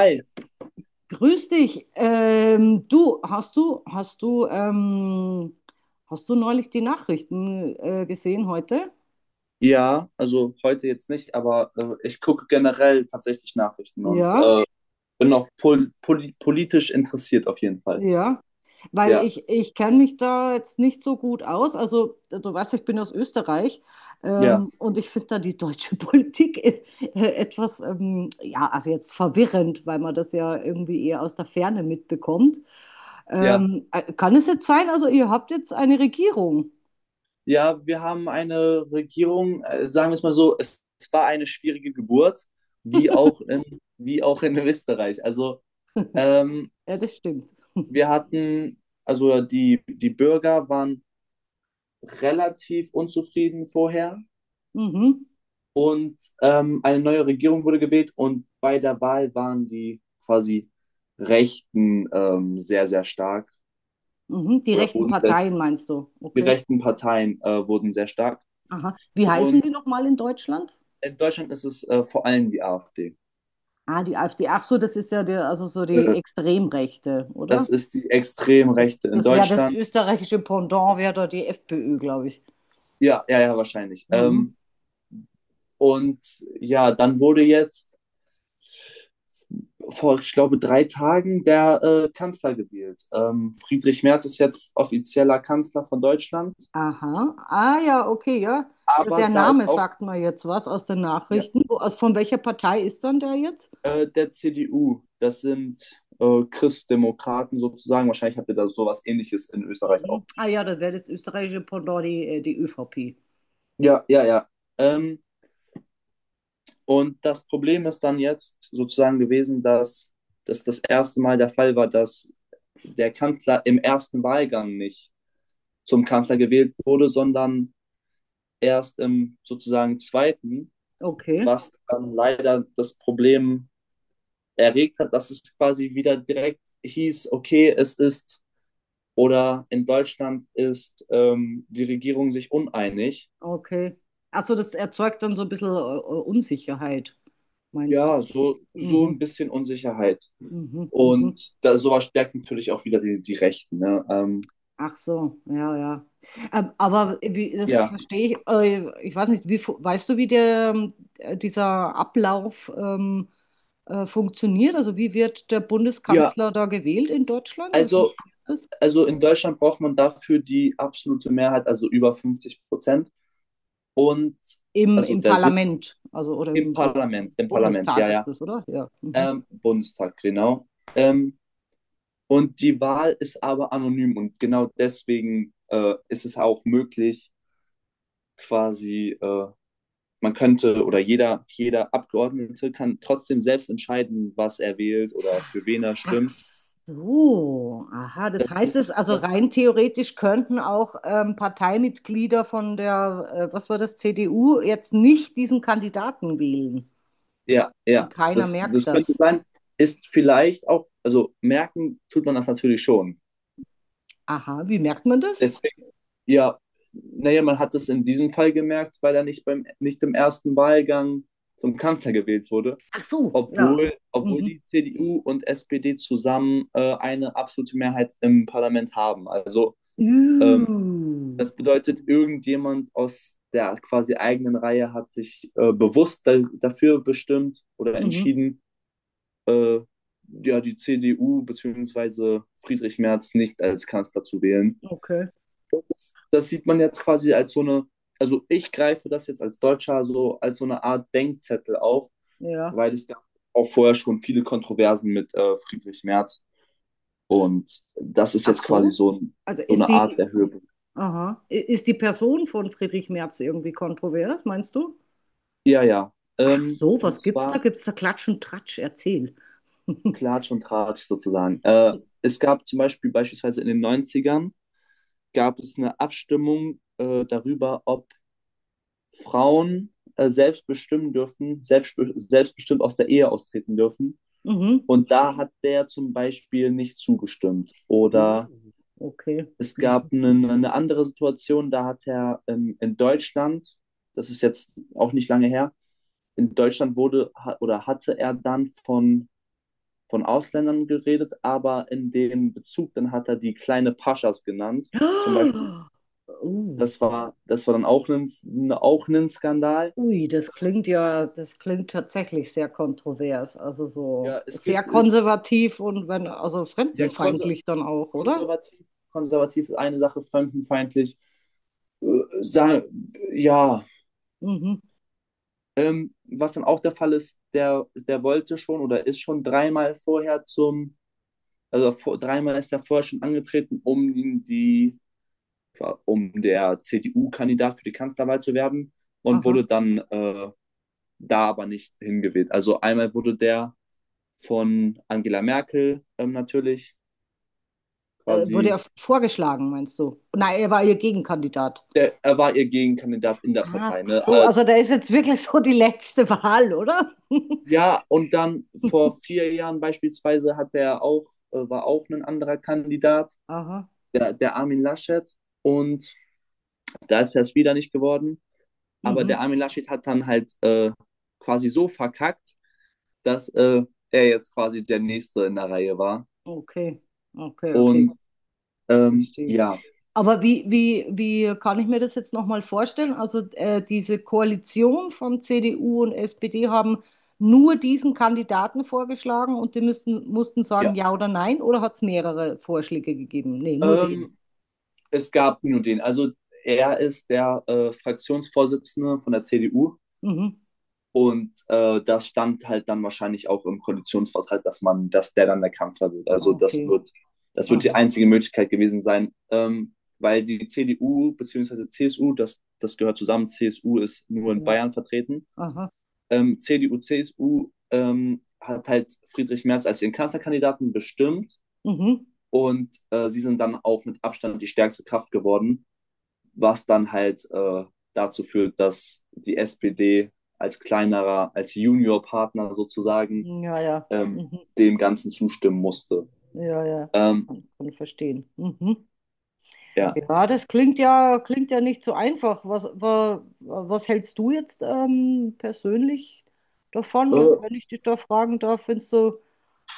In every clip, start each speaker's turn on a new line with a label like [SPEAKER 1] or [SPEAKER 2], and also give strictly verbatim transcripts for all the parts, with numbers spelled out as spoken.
[SPEAKER 1] Ja, grüß dich. Ähm, du, hast du, hast du, ähm, hast du neulich die Nachrichten äh, gesehen heute?
[SPEAKER 2] Ja, also heute jetzt nicht, aber äh, ich gucke generell tatsächlich Nachrichten und
[SPEAKER 1] Ja,
[SPEAKER 2] äh, bin auch pol poli politisch interessiert auf jeden Fall.
[SPEAKER 1] ja. Weil
[SPEAKER 2] Ja,
[SPEAKER 1] ich, ich kenne mich da jetzt nicht so gut aus. Also, du weißt, ich bin aus Österreich,
[SPEAKER 2] ja,
[SPEAKER 1] ähm, und ich finde da die deutsche Politik äh, etwas, ähm, ja, also jetzt verwirrend, weil man das ja irgendwie eher aus der Ferne mitbekommt.
[SPEAKER 2] ja.
[SPEAKER 1] Ähm, äh, kann es jetzt sein, also ihr habt jetzt eine Regierung?
[SPEAKER 2] Ja, wir haben eine Regierung, äh, sagen wir es mal so, es, es war eine schwierige Geburt, wie auch in, wie auch in Österreich. Also ähm,
[SPEAKER 1] Ja, das stimmt.
[SPEAKER 2] wir hatten, also die, die Bürger waren relativ unzufrieden vorher.
[SPEAKER 1] Mhm.
[SPEAKER 2] Und ähm, eine neue Regierung wurde gewählt und bei der Wahl waren die quasi Rechten ähm, sehr, sehr stark
[SPEAKER 1] Mhm. Die
[SPEAKER 2] oder
[SPEAKER 1] rechten
[SPEAKER 2] wurden sehr,
[SPEAKER 1] Parteien meinst du?
[SPEAKER 2] die
[SPEAKER 1] Okay.
[SPEAKER 2] rechten Parteien äh, wurden sehr stark.
[SPEAKER 1] Aha. Wie heißen
[SPEAKER 2] Und
[SPEAKER 1] die nochmal in Deutschland?
[SPEAKER 2] in Deutschland ist es äh, vor allem die A F D.
[SPEAKER 1] Ah, die AfD. Ach so, das ist ja der, also so die
[SPEAKER 2] Äh,
[SPEAKER 1] Extremrechte, oder?
[SPEAKER 2] das ist die
[SPEAKER 1] Ja.
[SPEAKER 2] extrem
[SPEAKER 1] Das,
[SPEAKER 2] Rechte in
[SPEAKER 1] das wäre das
[SPEAKER 2] Deutschland.
[SPEAKER 1] österreichische Pendant, wäre da die FPÖ, glaube ich.
[SPEAKER 2] Ja, ja, ja, wahrscheinlich.
[SPEAKER 1] Mhm.
[SPEAKER 2] Ähm, und ja, dann wurde jetzt vor, ich glaube, drei Tagen der äh, Kanzler gewählt. Ähm, Friedrich Merz ist jetzt offizieller Kanzler von Deutschland.
[SPEAKER 1] Aha. Ah ja, okay, ja. Der
[SPEAKER 2] Aber
[SPEAKER 1] der
[SPEAKER 2] da
[SPEAKER 1] Name
[SPEAKER 2] ist auch,
[SPEAKER 1] sagt mir jetzt was aus den
[SPEAKER 2] ja,
[SPEAKER 1] Nachrichten. Wo, aus, von welcher Partei ist dann der jetzt?
[SPEAKER 2] äh, der C D U, das sind äh, Christdemokraten sozusagen. Wahrscheinlich habt ihr da sowas Ähnliches in Österreich
[SPEAKER 1] Mhm.
[SPEAKER 2] auch.
[SPEAKER 1] Ah ja, dann wäre das österreichische Pendant die, äh, die ÖVP.
[SPEAKER 2] Ja, ja, ja. Ähm, und das Problem ist dann jetzt sozusagen gewesen, dass das das erste Mal der Fall war, dass der Kanzler im ersten Wahlgang nicht zum Kanzler gewählt wurde, sondern erst im sozusagen zweiten,
[SPEAKER 1] Okay.
[SPEAKER 2] was dann leider das Problem erregt hat, dass es quasi wieder direkt hieß, okay, es ist Oder in Deutschland ist ähm, die Regierung sich uneinig.
[SPEAKER 1] Okay. Also das erzeugt dann so ein bisschen äh, äh, Unsicherheit, meinst
[SPEAKER 2] Ja,
[SPEAKER 1] du?
[SPEAKER 2] so, so ein
[SPEAKER 1] Mhm,
[SPEAKER 2] bisschen Unsicherheit.
[SPEAKER 1] mhm, mhm.
[SPEAKER 2] Und da, sowas stärkt natürlich auch wieder die, die Rechten. Ne? Ähm,
[SPEAKER 1] Ach so, ja, ja. Ähm, aber wie, das
[SPEAKER 2] ja,
[SPEAKER 1] verstehe ich, äh, ich weiß nicht, wie, fu- weißt du, wie der, ähm, dieser Ablauf ähm, äh, funktioniert? Also wie wird der
[SPEAKER 2] ja,
[SPEAKER 1] Bundeskanzler da gewählt in Deutschland? Wie
[SPEAKER 2] also,
[SPEAKER 1] funktioniert das?
[SPEAKER 2] also in Deutschland braucht man dafür die absolute Mehrheit, also über fünfzig Prozent. Und
[SPEAKER 1] Im,
[SPEAKER 2] also
[SPEAKER 1] im
[SPEAKER 2] der Sitz
[SPEAKER 1] Parlament, also oder
[SPEAKER 2] im
[SPEAKER 1] im
[SPEAKER 2] Parlament, im Parlament,
[SPEAKER 1] Bundestag
[SPEAKER 2] ja,
[SPEAKER 1] ist
[SPEAKER 2] ja,
[SPEAKER 1] das, oder? Ja. Mhm.
[SPEAKER 2] ähm, Bundestag, genau. Ähm, und die Wahl ist aber anonym und genau deswegen äh, ist es auch möglich, quasi, äh, man könnte oder jeder, jeder Abgeordnete kann trotzdem selbst entscheiden, was er wählt oder für wen er
[SPEAKER 1] Ach
[SPEAKER 2] stimmt.
[SPEAKER 1] so, aha. Das
[SPEAKER 2] Das
[SPEAKER 1] heißt
[SPEAKER 2] ist,
[SPEAKER 1] es, also
[SPEAKER 2] das,
[SPEAKER 1] rein theoretisch könnten auch ähm, Parteimitglieder von der, äh, was war das, C D U jetzt nicht diesen Kandidaten wählen.
[SPEAKER 2] ja,
[SPEAKER 1] Und
[SPEAKER 2] ja,
[SPEAKER 1] keiner
[SPEAKER 2] das,
[SPEAKER 1] merkt
[SPEAKER 2] das könnte
[SPEAKER 1] das.
[SPEAKER 2] sein, ist vielleicht auch, also merken tut man das natürlich schon.
[SPEAKER 1] Aha, wie merkt man das?
[SPEAKER 2] Deswegen, ja, naja, man hat es in diesem Fall gemerkt, weil er nicht beim, nicht im ersten Wahlgang zum Kanzler gewählt wurde,
[SPEAKER 1] Ach so, ja.
[SPEAKER 2] obwohl, obwohl
[SPEAKER 1] Mhm.
[SPEAKER 2] die C D U und S P D zusammen äh, eine absolute Mehrheit im Parlament haben. Also ähm,
[SPEAKER 1] Uh,
[SPEAKER 2] Das bedeutet, irgendjemand aus der quasi eigenen Reihe hat sich äh, bewusst da, dafür bestimmt oder
[SPEAKER 1] mhm.
[SPEAKER 2] entschieden, äh, ja, die C D U bzw. Friedrich Merz nicht als Kanzler zu wählen.
[SPEAKER 1] Okay,
[SPEAKER 2] Das sieht man jetzt quasi als so eine, also ich greife das jetzt als Deutscher so als so eine Art Denkzettel auf,
[SPEAKER 1] ja.
[SPEAKER 2] weil es gab auch vorher schon viele Kontroversen mit äh, Friedrich Merz und das ist
[SPEAKER 1] Ach
[SPEAKER 2] jetzt quasi
[SPEAKER 1] so.
[SPEAKER 2] so,
[SPEAKER 1] Also
[SPEAKER 2] so
[SPEAKER 1] ist
[SPEAKER 2] eine Art
[SPEAKER 1] die,
[SPEAKER 2] der Höhepunkt.
[SPEAKER 1] aha, I- ist die Person von Friedrich Merz irgendwie kontrovers, meinst du?
[SPEAKER 2] Ja, ja.
[SPEAKER 1] Ach
[SPEAKER 2] Ähm,
[SPEAKER 1] so,
[SPEAKER 2] und
[SPEAKER 1] was gibt's da?
[SPEAKER 2] zwar
[SPEAKER 1] Gibt's da Klatsch und Tratsch? Erzähl.
[SPEAKER 2] Klatsch und Tratsch sozusagen. Äh, es gab zum Beispiel beispielsweise in den Neunzigern gab es eine Abstimmung äh, darüber, ob Frauen äh, selbst bestimmen dürfen, selbst, selbstbestimmt aus der Ehe austreten dürfen.
[SPEAKER 1] Mhm.
[SPEAKER 2] Und da hat der zum Beispiel nicht zugestimmt. Oder
[SPEAKER 1] Uh, okay.
[SPEAKER 2] es
[SPEAKER 1] Mhm.
[SPEAKER 2] gab eine, eine andere Situation, da hat er ähm, in Deutschland, das ist jetzt auch nicht lange her, in Deutschland wurde ha- oder hatte er dann von von Ausländern geredet, aber in dem Bezug, dann hat er die kleine Paschas genannt, zum Beispiel.
[SPEAKER 1] Ah, uh,
[SPEAKER 2] Das war, das war dann auch ein, ne, auch ein Skandal.
[SPEAKER 1] ui, das klingt ja, das klingt tatsächlich sehr kontrovers, also so
[SPEAKER 2] Ja, es
[SPEAKER 1] sehr
[SPEAKER 2] gibt, es,
[SPEAKER 1] konservativ und wenn, also
[SPEAKER 2] ja, konser
[SPEAKER 1] fremdenfeindlich dann auch, oder?
[SPEAKER 2] konservativ, konservativ ist eine Sache, fremdenfeindlich. Sagen, ja,
[SPEAKER 1] Mhm.
[SPEAKER 2] ähm, was dann auch der Fall ist, der, der wollte schon oder ist schon dreimal vorher zum, also vor, dreimal ist er vorher schon angetreten, um in die um der C D U-Kandidat für die Kanzlerwahl zu werden und
[SPEAKER 1] Aha.
[SPEAKER 2] wurde dann äh, da aber nicht hingewählt. Also einmal wurde der von Angela Merkel ähm, natürlich
[SPEAKER 1] Äh, wurde
[SPEAKER 2] quasi,
[SPEAKER 1] er vorgeschlagen, meinst du? Nein, er war ihr Gegenkandidat.
[SPEAKER 2] der, er war ihr Gegenkandidat in der
[SPEAKER 1] Ach
[SPEAKER 2] Partei. Ne?
[SPEAKER 1] so,
[SPEAKER 2] Äh,
[SPEAKER 1] also da ist jetzt wirklich so die letzte Wahl, oder?
[SPEAKER 2] ja, und dann vor vier Jahren beispielsweise hat der auch, äh, war auch ein anderer Kandidat,
[SPEAKER 1] Aha.
[SPEAKER 2] der, der Armin Laschet. Und da ist er es wieder nicht geworden. Aber
[SPEAKER 1] Mhm.
[SPEAKER 2] der Armin Laschet hat dann halt äh, quasi so verkackt, dass äh, er jetzt quasi der Nächste in der Reihe war.
[SPEAKER 1] Okay. Okay, okay.
[SPEAKER 2] Und ähm,
[SPEAKER 1] Verstehe.
[SPEAKER 2] ja,
[SPEAKER 1] Aber wie, wie, wie kann ich mir das jetzt nochmal vorstellen? Also äh, diese Koalition von C D U und S P D haben nur diesen Kandidaten vorgeschlagen und die müssten, mussten sagen
[SPEAKER 2] ja.
[SPEAKER 1] ja oder nein oder hat es mehrere Vorschläge gegeben? Nee, nur den.
[SPEAKER 2] Ähm, es gab nur den. Also er ist der äh, Fraktionsvorsitzende von der C D U
[SPEAKER 1] Mhm.
[SPEAKER 2] und äh, das stand halt dann wahrscheinlich auch im Koalitionsvertrag, dass man, dass der dann der Kanzler wird. Also das
[SPEAKER 1] Okay.
[SPEAKER 2] wird, das wird die
[SPEAKER 1] Aha.
[SPEAKER 2] einzige Möglichkeit gewesen sein, ähm, weil die C D U bzw. C S U, das, das gehört zusammen, C S U ist nur in
[SPEAKER 1] Ja.
[SPEAKER 2] Bayern vertreten
[SPEAKER 1] Aha.
[SPEAKER 2] ähm, C D U, C S U ähm, hat halt Friedrich Merz als ihren Kanzlerkandidaten bestimmt
[SPEAKER 1] Mhm.
[SPEAKER 2] und äh, sie sind dann auch mit Abstand die stärkste Kraft geworden, was dann halt äh, dazu führt, dass die S P D als kleinerer, als Juniorpartner sozusagen
[SPEAKER 1] Ja, ja.
[SPEAKER 2] ähm,
[SPEAKER 1] Mhm.
[SPEAKER 2] dem Ganzen zustimmen musste.
[SPEAKER 1] Ja, ja.
[SPEAKER 2] Ähm,
[SPEAKER 1] Kann, kann ich verstehen. Mhm.
[SPEAKER 2] ja.
[SPEAKER 1] Ja, das klingt ja, klingt ja nicht so einfach. Was, wa, was hältst du jetzt ähm, persönlich davon, wenn
[SPEAKER 2] Äh,
[SPEAKER 1] wenn ich dich da fragen darf? Findest du,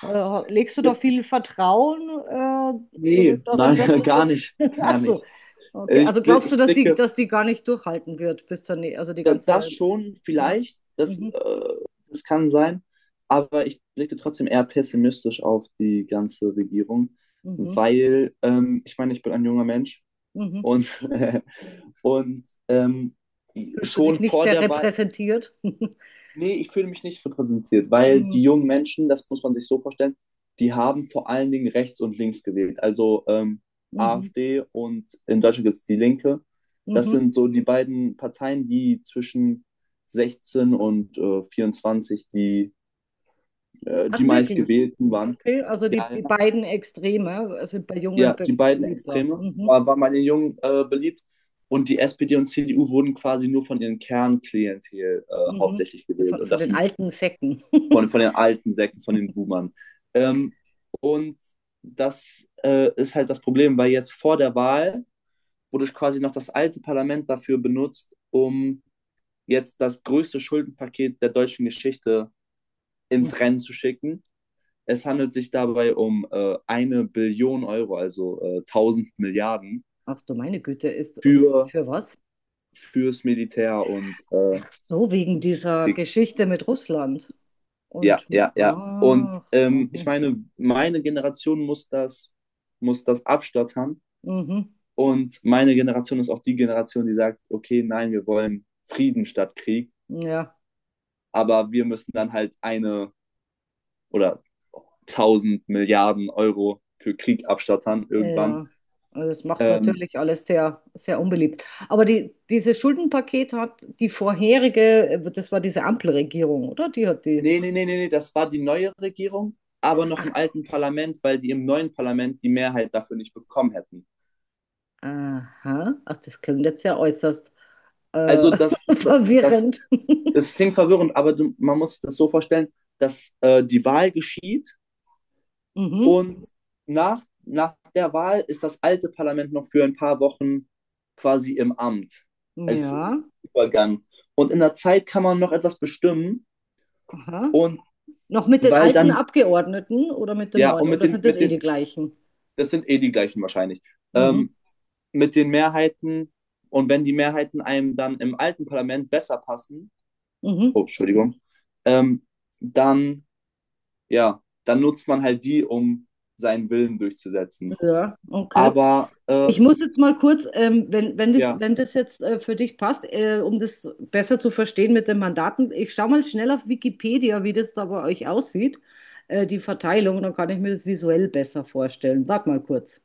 [SPEAKER 1] äh, legst du da
[SPEAKER 2] jetzt?
[SPEAKER 1] viel Vertrauen äh, äh,
[SPEAKER 2] Nee,
[SPEAKER 1] darin, dass
[SPEAKER 2] nein,
[SPEAKER 1] das
[SPEAKER 2] gar
[SPEAKER 1] jetzt.
[SPEAKER 2] nicht, gar
[SPEAKER 1] Also,
[SPEAKER 2] nicht.
[SPEAKER 1] okay.
[SPEAKER 2] Ich,
[SPEAKER 1] Also glaubst du,
[SPEAKER 2] ich
[SPEAKER 1] dass die,
[SPEAKER 2] blicke,
[SPEAKER 1] dass die gar nicht durchhalten wird, bis zur, nä- also die
[SPEAKER 2] da- das
[SPEAKER 1] ganze.
[SPEAKER 2] schon
[SPEAKER 1] Ja.
[SPEAKER 2] vielleicht, das,
[SPEAKER 1] Mhm,
[SPEAKER 2] äh, das kann sein, aber ich blicke trotzdem eher pessimistisch auf die ganze Regierung,
[SPEAKER 1] mhm,
[SPEAKER 2] weil ähm, ich meine, ich bin ein junger Mensch
[SPEAKER 1] mhm.
[SPEAKER 2] und, und ähm,
[SPEAKER 1] Fühlst du dich
[SPEAKER 2] schon
[SPEAKER 1] nicht
[SPEAKER 2] vor
[SPEAKER 1] sehr
[SPEAKER 2] der Wahl,
[SPEAKER 1] repräsentiert?
[SPEAKER 2] Nee, ich fühle mich nicht repräsentiert, weil
[SPEAKER 1] Mhm,
[SPEAKER 2] die jungen Menschen, das muss man sich so vorstellen, die haben vor allen Dingen rechts und links gewählt. Also ähm,
[SPEAKER 1] mhm,
[SPEAKER 2] A F D und in Deutschland gibt es die Linke. Das
[SPEAKER 1] mhm.
[SPEAKER 2] sind so die beiden Parteien, die zwischen sechzehn und äh, vierundzwanzig die, äh, die
[SPEAKER 1] Ach, wirklich?
[SPEAKER 2] meistgewählten waren.
[SPEAKER 1] Okay, also die,
[SPEAKER 2] Ja,
[SPEAKER 1] die
[SPEAKER 2] ja,
[SPEAKER 1] beiden Extreme sind bei Jungen
[SPEAKER 2] ja,
[SPEAKER 1] be
[SPEAKER 2] die beiden
[SPEAKER 1] beliebter.
[SPEAKER 2] Extreme
[SPEAKER 1] Mhm,
[SPEAKER 2] war, waren bei den Jungen äh, beliebt. Und die S P D und C D U wurden quasi nur von ihren Kernklientel äh,
[SPEAKER 1] mhm.
[SPEAKER 2] hauptsächlich gewählt.
[SPEAKER 1] Von,
[SPEAKER 2] Und
[SPEAKER 1] von
[SPEAKER 2] das
[SPEAKER 1] den
[SPEAKER 2] sind
[SPEAKER 1] alten Säcken.
[SPEAKER 2] von, von den alten Säcken, von den Boomern. Ähm, und das äh, ist halt das Problem, weil jetzt vor der Wahl wurde quasi noch das alte Parlament dafür benutzt, um jetzt das größte Schuldenpaket der deutschen Geschichte ins
[SPEAKER 1] Mhm.
[SPEAKER 2] Rennen zu schicken. Es handelt sich dabei um äh, eine Billion Euro, also äh, tausend Milliarden
[SPEAKER 1] Ach du meine Güte, ist und
[SPEAKER 2] für
[SPEAKER 1] für was?
[SPEAKER 2] fürs Militär und äh,
[SPEAKER 1] Ach so, wegen dieser
[SPEAKER 2] Krieg.
[SPEAKER 1] Geschichte mit Russland.
[SPEAKER 2] Ja,
[SPEAKER 1] Und
[SPEAKER 2] ja, ja. Und
[SPEAKER 1] ach,
[SPEAKER 2] ähm, ich
[SPEAKER 1] mhm,
[SPEAKER 2] meine, meine Generation muss das muss das abstottern.
[SPEAKER 1] mhm,
[SPEAKER 2] Und meine Generation ist auch die Generation, die sagt, okay, nein, wir wollen Frieden statt Krieg,
[SPEAKER 1] ja,
[SPEAKER 2] aber wir müssen dann halt eine oder tausend Milliarden Euro für Krieg abstattern irgendwann.
[SPEAKER 1] ja. Also das macht
[SPEAKER 2] Ähm,
[SPEAKER 1] natürlich alles sehr, sehr unbeliebt. Aber die, dieses Schuldenpaket hat die vorherige, das war diese Ampelregierung, oder? Die hat die.
[SPEAKER 2] Nee, nee, nee, nee, nee, das war die neue Regierung, aber noch
[SPEAKER 1] Ach,
[SPEAKER 2] im alten Parlament, weil die im neuen Parlament die Mehrheit dafür nicht bekommen hätten.
[SPEAKER 1] aha. Ach, das klingt jetzt ja äußerst äh,
[SPEAKER 2] Also das, das,
[SPEAKER 1] verwirrend.
[SPEAKER 2] das klingt verwirrend, aber man muss sich das so vorstellen, dass äh, die Wahl geschieht.
[SPEAKER 1] Mhm.
[SPEAKER 2] Und nach, nach der Wahl ist das alte Parlament noch für ein paar Wochen quasi im Amt als
[SPEAKER 1] Ja.
[SPEAKER 2] Übergang. Und in der Zeit kann man noch etwas bestimmen
[SPEAKER 1] Aha.
[SPEAKER 2] und
[SPEAKER 1] Noch mit den
[SPEAKER 2] weil
[SPEAKER 1] alten
[SPEAKER 2] dann,
[SPEAKER 1] Abgeordneten oder mit den
[SPEAKER 2] ja,
[SPEAKER 1] neuen?
[SPEAKER 2] und mit
[SPEAKER 1] Oder
[SPEAKER 2] den,
[SPEAKER 1] sind das
[SPEAKER 2] mit
[SPEAKER 1] eh
[SPEAKER 2] den,
[SPEAKER 1] die gleichen?
[SPEAKER 2] das sind eh die gleichen wahrscheinlich,
[SPEAKER 1] Mhm.
[SPEAKER 2] ähm, mit den Mehrheiten und wenn die Mehrheiten einem dann im alten Parlament besser passen, oh,
[SPEAKER 1] Mhm.
[SPEAKER 2] Entschuldigung, ähm, dann, ja, dann nutzt man halt die, um seinen Willen durchzusetzen.
[SPEAKER 1] Ja, okay.
[SPEAKER 2] Aber, äh,
[SPEAKER 1] Ich muss jetzt mal kurz, ähm, wenn, wenn, dich,
[SPEAKER 2] ja,
[SPEAKER 1] wenn das jetzt äh, für dich passt, äh, um das besser zu verstehen mit den Mandaten, ich schaue mal schnell auf Wikipedia, wie das da bei euch aussieht, äh, die Verteilung, dann kann ich mir das visuell besser vorstellen. Warte mal kurz.